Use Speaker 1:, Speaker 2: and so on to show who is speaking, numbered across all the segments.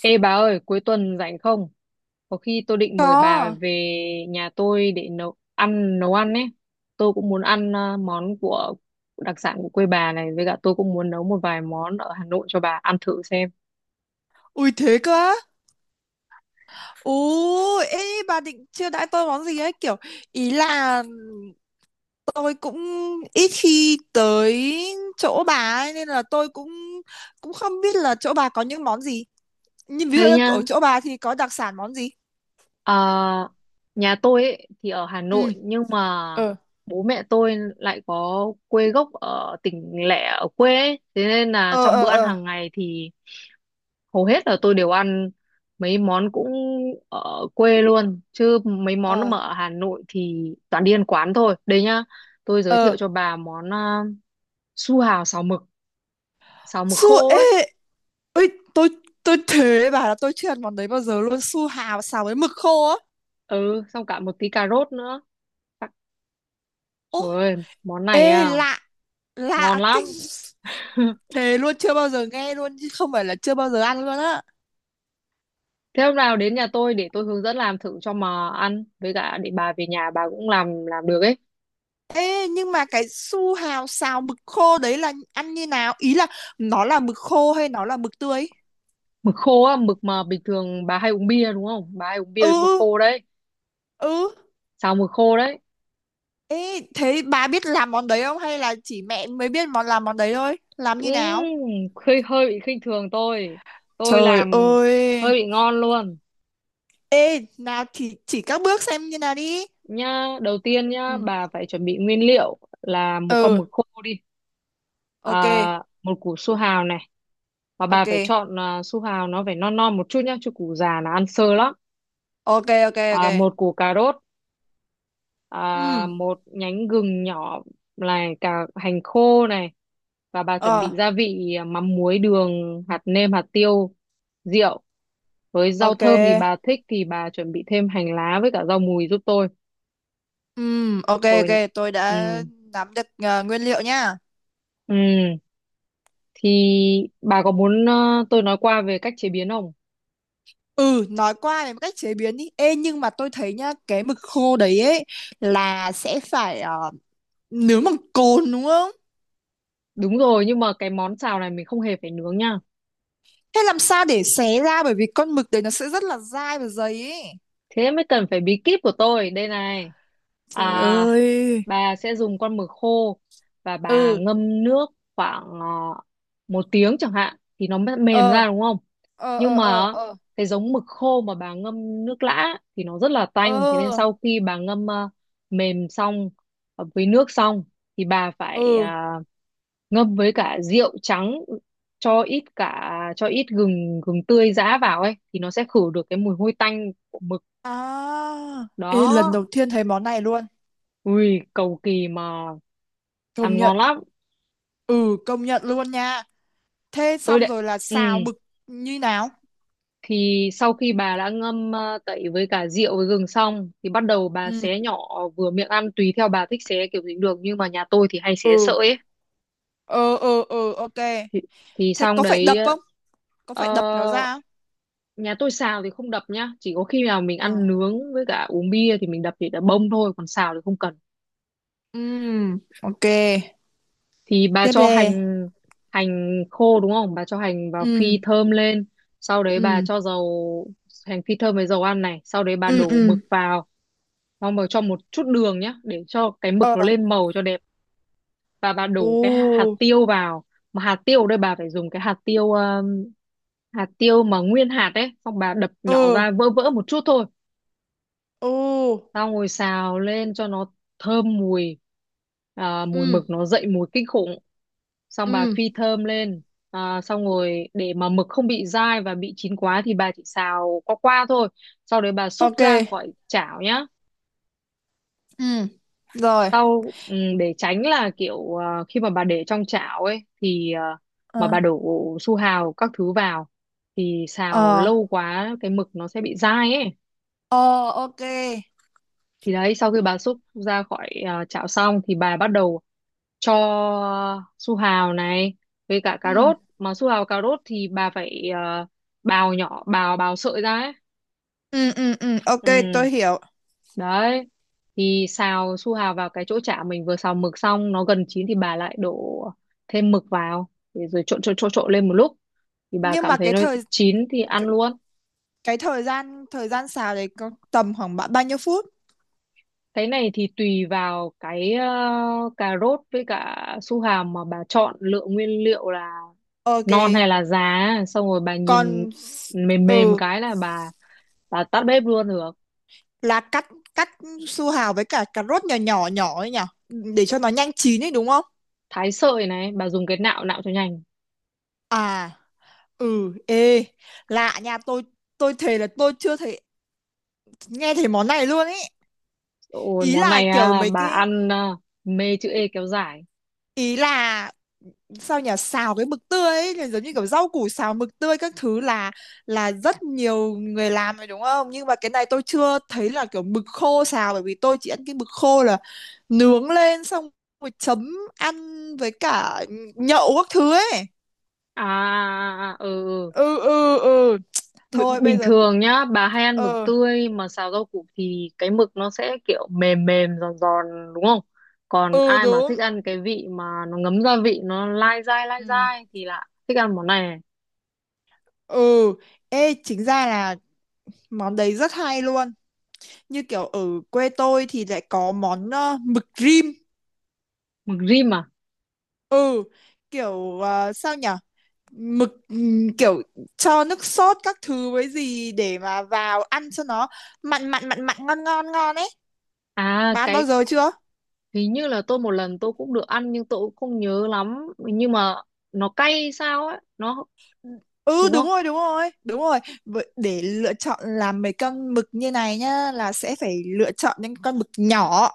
Speaker 1: Ê bà ơi, cuối tuần rảnh không? Có khi tôi định mời bà
Speaker 2: Có.
Speaker 1: về nhà tôi để nấu ăn ấy. Tôi cũng muốn ăn món của đặc sản của quê bà này, với cả tôi cũng muốn nấu một vài món ở Hà Nội cho bà ăn thử xem.
Speaker 2: Ui thế cơ á. Ồ, ê bà định chưa đãi tôi món gì ấy kiểu ý là tôi cũng ít khi tới chỗ bà ấy nên là tôi cũng cũng không biết là chỗ bà có những món gì. Nhưng ví dụ
Speaker 1: Đây
Speaker 2: như
Speaker 1: nhá.
Speaker 2: ở chỗ bà thì có đặc sản món gì?
Speaker 1: ờ, Nhà tôi ấy thì ở Hà
Speaker 2: Ừ,
Speaker 1: Nội nhưng mà
Speaker 2: ờ,
Speaker 1: bố mẹ tôi lại có quê gốc ở tỉnh lẻ, ở quê ấy. Thế nên là
Speaker 2: Ờ
Speaker 1: trong
Speaker 2: ờ
Speaker 1: bữa ăn
Speaker 2: ờ
Speaker 1: hàng ngày thì hầu hết là tôi đều ăn mấy món cũng ở quê luôn, chứ mấy món
Speaker 2: ờ
Speaker 1: mà ở Hà Nội thì toàn đi ăn quán thôi. Đây nhá, tôi giới
Speaker 2: ờ.
Speaker 1: thiệu cho bà món su hào xào mực, xào mực
Speaker 2: su
Speaker 1: khô
Speaker 2: ê
Speaker 1: ấy.
Speaker 2: ơi, tôi tôi thế bà, là tôi chưa ăn món đấy bao giờ luôn, su hào xào với mực khô á.
Speaker 1: Ừ, xong cả một tí cà rốt nữa. Tắc-
Speaker 2: Ô,
Speaker 1: Trời ơi, món
Speaker 2: ê
Speaker 1: này à,
Speaker 2: lạ,
Speaker 1: ngon
Speaker 2: lạ
Speaker 1: lắm.
Speaker 2: kinh, thề luôn, chưa bao giờ nghe luôn chứ không phải là chưa bao giờ ăn luôn á.
Speaker 1: Thế hôm nào đến nhà tôi để tôi hướng dẫn làm thử cho mà ăn, với cả để bà về nhà bà cũng làm được ấy.
Speaker 2: Ê nhưng mà cái su hào xào mực khô đấy là ăn như nào, ý là nó là mực khô hay nó là mực tươi?
Speaker 1: Mực khô á, mực mà bình thường bà hay uống bia đúng không, bà hay uống bia với mực
Speaker 2: Ừ,
Speaker 1: khô đấy.
Speaker 2: ừ ừ.
Speaker 1: Xào mực khô đấy.
Speaker 2: Ê thế bà biết làm món đấy không hay là chỉ mẹ mới biết món, làm món đấy thôi, làm
Speaker 1: Ừ,
Speaker 2: như nào?
Speaker 1: hơi hơi bị khinh thường tôi làm
Speaker 2: Trời
Speaker 1: hơi
Speaker 2: ơi.
Speaker 1: bị ngon luôn.
Speaker 2: Ê nào thì chỉ các bước xem như nào đi.
Speaker 1: Nhá, đầu tiên nhá,
Speaker 2: Ừ,
Speaker 1: bà phải chuẩn bị nguyên liệu là một con
Speaker 2: ừ,
Speaker 1: mực khô đi,
Speaker 2: ok.
Speaker 1: một củ su hào này, và bà
Speaker 2: Ok,
Speaker 1: phải chọn su hào nó phải non non một chút nhá, chứ củ già là ăn sơ lắm.
Speaker 2: ok, ok. Ok,
Speaker 1: Một củ cà rốt,
Speaker 2: Ừ.
Speaker 1: một nhánh gừng nhỏ này, cả hành khô này, và bà chuẩn
Speaker 2: Ờ.
Speaker 1: bị gia vị mắm muối, đường, hạt nêm, hạt tiêu, rượu, với rau
Speaker 2: Ok.
Speaker 1: thơm thì bà thích thì bà chuẩn bị thêm hành lá với cả rau mùi giúp tôi.
Speaker 2: Ok,
Speaker 1: Rồi,
Speaker 2: ok, tôi
Speaker 1: ừ,
Speaker 2: đã nắm được nguyên liệu nha.
Speaker 1: ừ thì bà có muốn tôi nói qua về cách chế biến không?
Speaker 2: Ừ, nói qua về cách chế biến đi. Ê, nhưng mà tôi thấy nhá, cái mực khô đấy ấy là sẽ phải nướng bằng cồn đúng không?
Speaker 1: Đúng rồi nhưng mà cái món xào này mình không hề phải nướng nha.
Speaker 2: Thế làm sao để xé ra bởi vì con mực đấy nó sẽ rất là dai và dày ấy.
Speaker 1: Thế mới cần phải bí kíp của tôi. Đây này.
Speaker 2: Trời
Speaker 1: À,
Speaker 2: ơi.
Speaker 1: bà sẽ dùng con mực khô và bà
Speaker 2: Ừ,
Speaker 1: ngâm nước khoảng một tiếng chẳng hạn, thì nó mới mềm
Speaker 2: ờ,
Speaker 1: ra đúng không?
Speaker 2: ờ, ờ,
Speaker 1: Nhưng
Speaker 2: ờ,
Speaker 1: mà
Speaker 2: ờ,
Speaker 1: cái giống mực khô mà bà ngâm nước lã thì nó rất là tanh. Thế nên
Speaker 2: ờ,
Speaker 1: sau khi bà ngâm mềm xong, với nước xong, thì bà phải
Speaker 2: ừ.
Speaker 1: ngâm với cả rượu trắng, cho ít cả, cho ít gừng gừng tươi giã vào ấy, thì nó sẽ khử được cái mùi hôi tanh của mực.
Speaker 2: À, ê, lần
Speaker 1: Đó,
Speaker 2: đầu tiên thấy món này luôn.
Speaker 1: ui cầu kỳ mà
Speaker 2: Công
Speaker 1: ăn
Speaker 2: nhận.
Speaker 1: ngon lắm.
Speaker 2: Ừ, công nhận luôn nha. Thế
Speaker 1: Tôi
Speaker 2: xong
Speaker 1: đệ,
Speaker 2: rồi là
Speaker 1: ừ,
Speaker 2: xào mực như nào?
Speaker 1: thì sau khi bà đã ngâm tẩy với cả rượu với gừng xong thì bắt đầu bà
Speaker 2: Ừ.
Speaker 1: xé nhỏ vừa miệng ăn, tùy theo bà thích xé kiểu gì cũng được nhưng mà nhà tôi thì hay xé
Speaker 2: Ừ.
Speaker 1: sợi ấy.
Speaker 2: Ờ ờ ờ, ok.
Speaker 1: Thì, thì
Speaker 2: Thế
Speaker 1: xong
Speaker 2: có phải
Speaker 1: đấy.
Speaker 2: đập không? Có
Speaker 1: ờ,
Speaker 2: phải đập nó ra không?
Speaker 1: Nhà tôi xào thì không đập nhá, chỉ có khi nào mình
Speaker 2: Ờ.
Speaker 1: ăn nướng với cả uống bia thì mình đập thì đã bông thôi, còn xào thì không cần.
Speaker 2: Ừ. Ok.
Speaker 1: Thì bà
Speaker 2: Tiếp
Speaker 1: cho
Speaker 2: đi.
Speaker 1: hành, hành khô đúng không, bà cho hành vào phi
Speaker 2: Ừ.
Speaker 1: thơm lên, sau đấy bà
Speaker 2: Ừ.
Speaker 1: cho dầu, hành phi thơm với dầu ăn này, sau đấy bà
Speaker 2: Ừ
Speaker 1: đổ
Speaker 2: ừ.
Speaker 1: mực vào, xong rồi cho một chút đường nhá để cho cái mực
Speaker 2: Ờ.
Speaker 1: nó lên màu cho đẹp, và bà đổ cái hạt
Speaker 2: Ừ.
Speaker 1: tiêu vào. Mà hạt tiêu ở đây bà phải dùng cái hạt tiêu mà nguyên hạt ấy, xong bà đập nhỏ
Speaker 2: Ừ.
Speaker 1: ra, vỡ vỡ một chút thôi.
Speaker 2: Ừ.
Speaker 1: Tao ngồi xào lên cho nó thơm mùi, mùi
Speaker 2: Ừ.
Speaker 1: mực nó dậy mùi kinh khủng. Xong bà
Speaker 2: Ừ.
Speaker 1: phi thơm lên, xong rồi để mà mực không bị dai và bị chín quá thì bà chỉ xào qua qua thôi, sau đấy bà xúc
Speaker 2: Ok.
Speaker 1: ra khỏi chảo nhá.
Speaker 2: Ừ. Rồi.
Speaker 1: Sau, ừ, để tránh là kiểu khi mà bà để trong chảo ấy thì mà
Speaker 2: Ờ.
Speaker 1: bà đổ su hào các thứ vào thì xào
Speaker 2: Ờ.
Speaker 1: lâu quá cái mực nó sẽ bị dai ấy.
Speaker 2: Ờ, ok.
Speaker 1: Thì đấy, sau khi bà xúc ra khỏi chảo xong thì bà bắt đầu cho su hào này với cả cà
Speaker 2: Ừ.
Speaker 1: rốt, mà su hào cà rốt thì bà phải bào nhỏ, bào bào sợi ra ấy.
Speaker 2: Ừ ừ ừ, ok,
Speaker 1: Ừ
Speaker 2: tôi hiểu.
Speaker 1: đấy, thì xào su hào vào cái chỗ chả mình vừa xào mực xong, nó gần chín thì bà lại đổ thêm mực vào, để rồi trộn trộn trộn trộn lên một lúc, thì bà
Speaker 2: Nhưng
Speaker 1: cảm
Speaker 2: mà
Speaker 1: thấy
Speaker 2: cái
Speaker 1: nó
Speaker 2: thời
Speaker 1: chín thì ăn luôn.
Speaker 2: cái thời gian, thời gian xào đấy có tầm khoảng bao nhiêu phút?
Speaker 1: Cái này thì tùy vào cái cà rốt với cả su hào mà bà chọn lựa nguyên liệu là
Speaker 2: Ok.
Speaker 1: non hay là già, xong rồi bà nhìn
Speaker 2: Còn s-
Speaker 1: mềm mềm
Speaker 2: ừ,
Speaker 1: cái là bà tắt bếp luôn được.
Speaker 2: là cắt cắt su hào với cả cà rốt nhỏ nhỏ nhỏ ấy nhở, để cho nó nhanh chín ấy đúng không?
Speaker 1: Thái sợi này bà dùng cái nạo nạo cho nhanh.
Speaker 2: À, ừ, ê lạ nha. Tôi thề là tôi chưa thấy, nghe thấy món này luôn ấy.
Speaker 1: Ôi
Speaker 2: Ý
Speaker 1: món
Speaker 2: là
Speaker 1: này
Speaker 2: kiểu
Speaker 1: à,
Speaker 2: mấy
Speaker 1: bà
Speaker 2: cái,
Speaker 1: ăn à, mê chữ E kéo dài.
Speaker 2: ý là sao nhỉ, xào cái mực tươi ấy là giống như kiểu rau củ xào mực tươi các thứ là rất nhiều người làm rồi đúng không, nhưng mà cái này tôi chưa thấy là kiểu mực khô xào, bởi vì tôi chỉ ăn cái mực khô là nướng lên xong rồi chấm ăn với cả nhậu các thứ ấy.
Speaker 1: À, à, à, ừ, ừ.
Speaker 2: Ừ ừ ừ, thôi bây
Speaker 1: Bình
Speaker 2: giờ.
Speaker 1: thường nhá bà hay ăn mực
Speaker 2: Ừ
Speaker 1: tươi mà xào rau củ thì cái mực nó sẽ kiểu mềm mềm giòn giòn đúng không, còn
Speaker 2: ừ,
Speaker 1: ai mà
Speaker 2: đúng.
Speaker 1: thích ăn cái vị mà nó ngấm gia vị nó lai
Speaker 2: Ừ,
Speaker 1: dai thì là thích ăn món này, này.
Speaker 2: ừ. Ê chính ra là món đấy rất hay luôn, như kiểu ở quê tôi thì lại có món mực rim.
Speaker 1: Mực rim à?
Speaker 2: Ừ, kiểu sao nhở, mực kiểu cho nước sốt các thứ với gì để mà vào ăn cho nó mặn mặn mặn mặn ngon ngon ngon ấy.
Speaker 1: à
Speaker 2: Bán bao
Speaker 1: cái
Speaker 2: giờ chưa?
Speaker 1: hình như là tôi một lần tôi cũng được ăn nhưng tôi cũng không nhớ lắm, nhưng mà nó cay sao ấy, nó
Speaker 2: Ừ,
Speaker 1: đúng
Speaker 2: đúng
Speaker 1: không?
Speaker 2: rồi, đúng rồi, đúng rồi. Vậy để lựa chọn làm mấy con mực như này nhá, là sẽ phải lựa chọn những con mực nhỏ,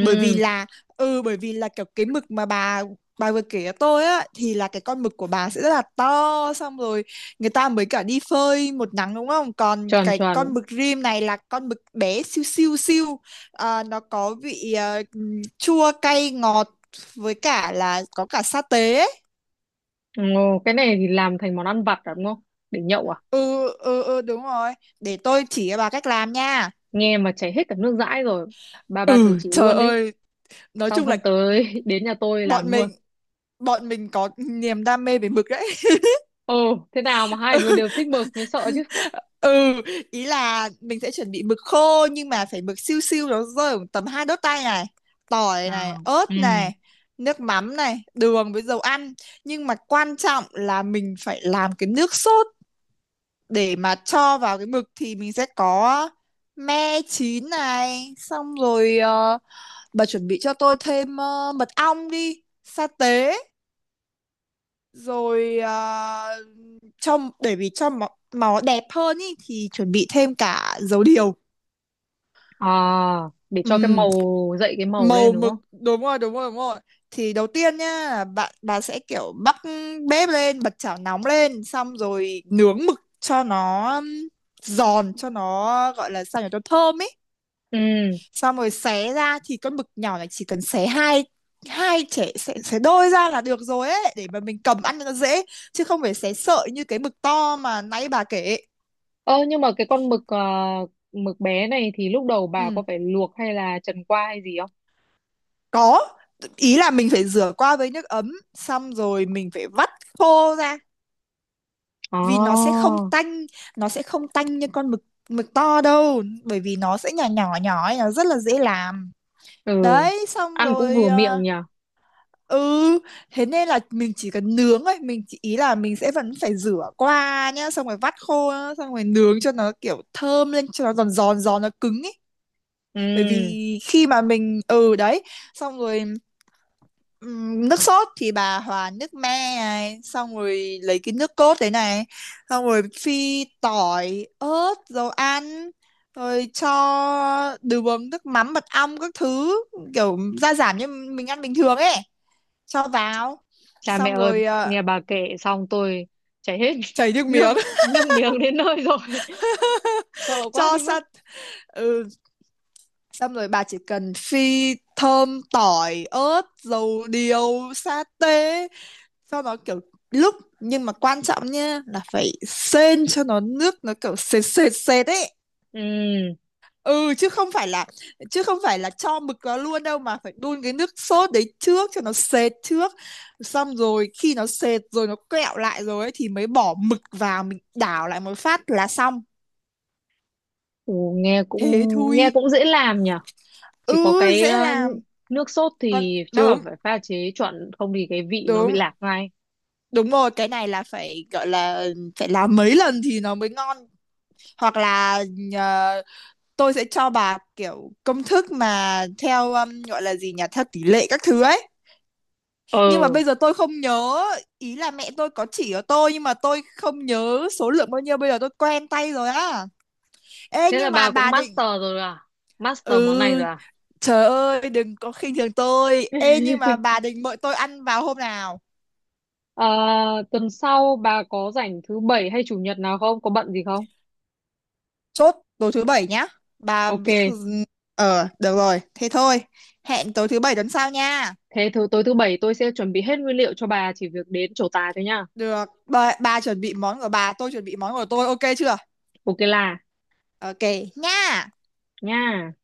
Speaker 2: bởi vì là ừ, bởi vì là kiểu cái mực mà bà vừa kể cho tôi á thì là cái con mực của bà sẽ rất là to, xong rồi người ta mới cả đi phơi một nắng đúng không, còn
Speaker 1: tròn
Speaker 2: cái
Speaker 1: tròn.
Speaker 2: con mực rim này là con mực bé siêu siêu siêu. Ờ, nó có vị chua cay ngọt với cả là có cả sa tế ấy.
Speaker 1: Ồ, cái này thì làm thành món ăn vặt à, đúng không, để nhậu à?
Speaker 2: Ừ ừ ừ đúng rồi, để tôi chỉ cho bà cách làm nha.
Speaker 1: Nghe mà chảy hết cả nước dãi rồi, bà thử
Speaker 2: Ừ,
Speaker 1: chỉ
Speaker 2: trời
Speaker 1: luôn đi.
Speaker 2: ơi, nói
Speaker 1: Xong
Speaker 2: chung là
Speaker 1: hôm
Speaker 2: ừ,
Speaker 1: tới đến nhà tôi làm
Speaker 2: bọn
Speaker 1: luôn.
Speaker 2: mình bọn mình có niềm đam mê về mực đấy.
Speaker 1: Ồ, thế nào mà hai đứa đều thích mực mới sợ chứ.
Speaker 2: Ừ, ý là mình sẽ chuẩn bị mực khô nhưng mà phải mực siêu siêu, nó rơi khoảng tầm hai đốt tay này, tỏi này,
Speaker 1: Nào, ừ,
Speaker 2: ớt này, nước mắm này, đường với dầu ăn. Nhưng mà quan trọng là mình phải làm cái nước sốt để mà cho vào cái mực, thì mình sẽ có me chín này, xong rồi bà chuẩn bị cho tôi thêm mật ong, đi sa tế, rồi cho để vì cho máu, máu đẹp hơn ý, thì chuẩn bị thêm cả dầu điều.
Speaker 1: à, để cho cái
Speaker 2: Ừm,
Speaker 1: màu dậy cái màu
Speaker 2: Màu
Speaker 1: lên đúng không.
Speaker 2: mực, đúng rồi đúng rồi đúng rồi. Thì đầu tiên nhá, bà sẽ kiểu bắc bếp lên, bật chảo nóng lên, xong rồi nướng mực cho nó giòn, cho nó gọi là sao nhỉ, cho thơm ấy,
Speaker 1: Ừ,
Speaker 2: xong rồi xé ra. Thì con mực nhỏ này chỉ cần xé hai, hai trẻ xé, xé đôi ra là được rồi ấy, để mà mình cầm ăn cho nó dễ, chứ không phải xé sợi như cái mực to mà nãy bà kể.
Speaker 1: ơ nhưng mà cái con mực mực bé này thì lúc đầu bà
Speaker 2: Ừ.
Speaker 1: có phải luộc hay là trần qua hay gì không?
Speaker 2: Có, ý là mình phải rửa qua với nước ấm, xong rồi mình phải vắt khô ra,
Speaker 1: Ồ,
Speaker 2: vì nó sẽ không tanh, nó sẽ không tanh như con mực mực to đâu, bởi vì nó sẽ nhỏ nhỏ nhỏ ấy, nó rất là dễ làm.
Speaker 1: ừ,
Speaker 2: Đấy, xong
Speaker 1: ăn cũng
Speaker 2: rồi
Speaker 1: vừa miệng nhỉ.
Speaker 2: ừ, thế nên là mình chỉ cần nướng thôi, mình chỉ, ý là mình sẽ vẫn phải rửa qua nhá, xong rồi vắt khô nhá, xong rồi nướng cho nó kiểu thơm lên cho nó giòn giòn giòn nó cứng ấy. Bởi
Speaker 1: Ừ,
Speaker 2: vì khi mà mình ừ đấy xong rồi. Nước sốt thì bà hòa nước me này, xong rồi lấy cái nước cốt đấy này, xong rồi phi tỏi ớt dầu ăn, rồi cho đường, nước mắm, mật ong các thứ, kiểu gia giảm như mình ăn bình thường ấy, cho vào.
Speaker 1: cha mẹ
Speaker 2: Xong
Speaker 1: ơi,
Speaker 2: rồi
Speaker 1: nghe bà kể xong tôi chảy hết
Speaker 2: chảy nước
Speaker 1: nước,
Speaker 2: miếng.
Speaker 1: nước miếng đến nơi rồi. Sợ quá
Speaker 2: Cho
Speaker 1: đi mất.
Speaker 2: sắt. Ừ. Xong rồi bà chỉ cần phi thơm tỏi ớt dầu điều sa tế, sau đó kiểu lúc, nhưng mà quan trọng nha là phải sên cho nó nước nó kiểu sệt sệt sệt ấy.
Speaker 1: Ừ.
Speaker 2: Ừ, chứ không phải là chứ không phải là cho mực vào luôn đâu, mà phải đun cái nước sốt đấy trước cho nó sệt trước, xong rồi khi nó sệt rồi nó kẹo lại rồi ấy thì mới bỏ mực vào, mình đảo lại một phát là xong,
Speaker 1: Ồ,
Speaker 2: thế
Speaker 1: nghe
Speaker 2: thôi.
Speaker 1: cũng dễ làm nhở. Chỉ có
Speaker 2: Ừ,
Speaker 1: cái
Speaker 2: dễ làm.
Speaker 1: nước sốt
Speaker 2: Còn
Speaker 1: thì chắc là
Speaker 2: đúng,
Speaker 1: phải pha chế chuẩn, không thì cái vị nó bị
Speaker 2: đúng,
Speaker 1: lạc ngay.
Speaker 2: đúng rồi, cái này là phải gọi là phải làm mấy lần thì nó mới ngon, hoặc là ờ, tôi sẽ cho bà kiểu công thức mà theo gọi là gì nhỉ, theo tỷ lệ các thứ ấy. Nhưng mà
Speaker 1: Ờ,
Speaker 2: bây giờ tôi không nhớ, ý là mẹ tôi có chỉ cho tôi nhưng mà tôi không nhớ số lượng bao nhiêu, bây giờ tôi quen tay rồi á. Ê
Speaker 1: thế là
Speaker 2: nhưng mà
Speaker 1: bà cũng
Speaker 2: bà định,
Speaker 1: master rồi à? Master món này rồi
Speaker 2: ừ
Speaker 1: à?
Speaker 2: trời ơi, đừng có khinh thường tôi. Ê nhưng mà bà định mời tôi ăn vào hôm nào?
Speaker 1: Ờ, tuần sau bà có rảnh thứ bảy hay chủ nhật nào không? Có bận gì không?
Speaker 2: Chốt tối thứ bảy nhá bà.
Speaker 1: Ok,
Speaker 2: Ờ được rồi, thế thôi, hẹn tối thứ bảy tuần sau nha.
Speaker 1: thế tối thứ bảy tôi sẽ chuẩn bị hết nguyên liệu cho bà chỉ việc đến trổ tài thôi nhá.
Speaker 2: Được bà chuẩn bị món của bà, tôi chuẩn bị món của tôi, ok chưa?
Speaker 1: Ok là
Speaker 2: Ok nha.
Speaker 1: nha.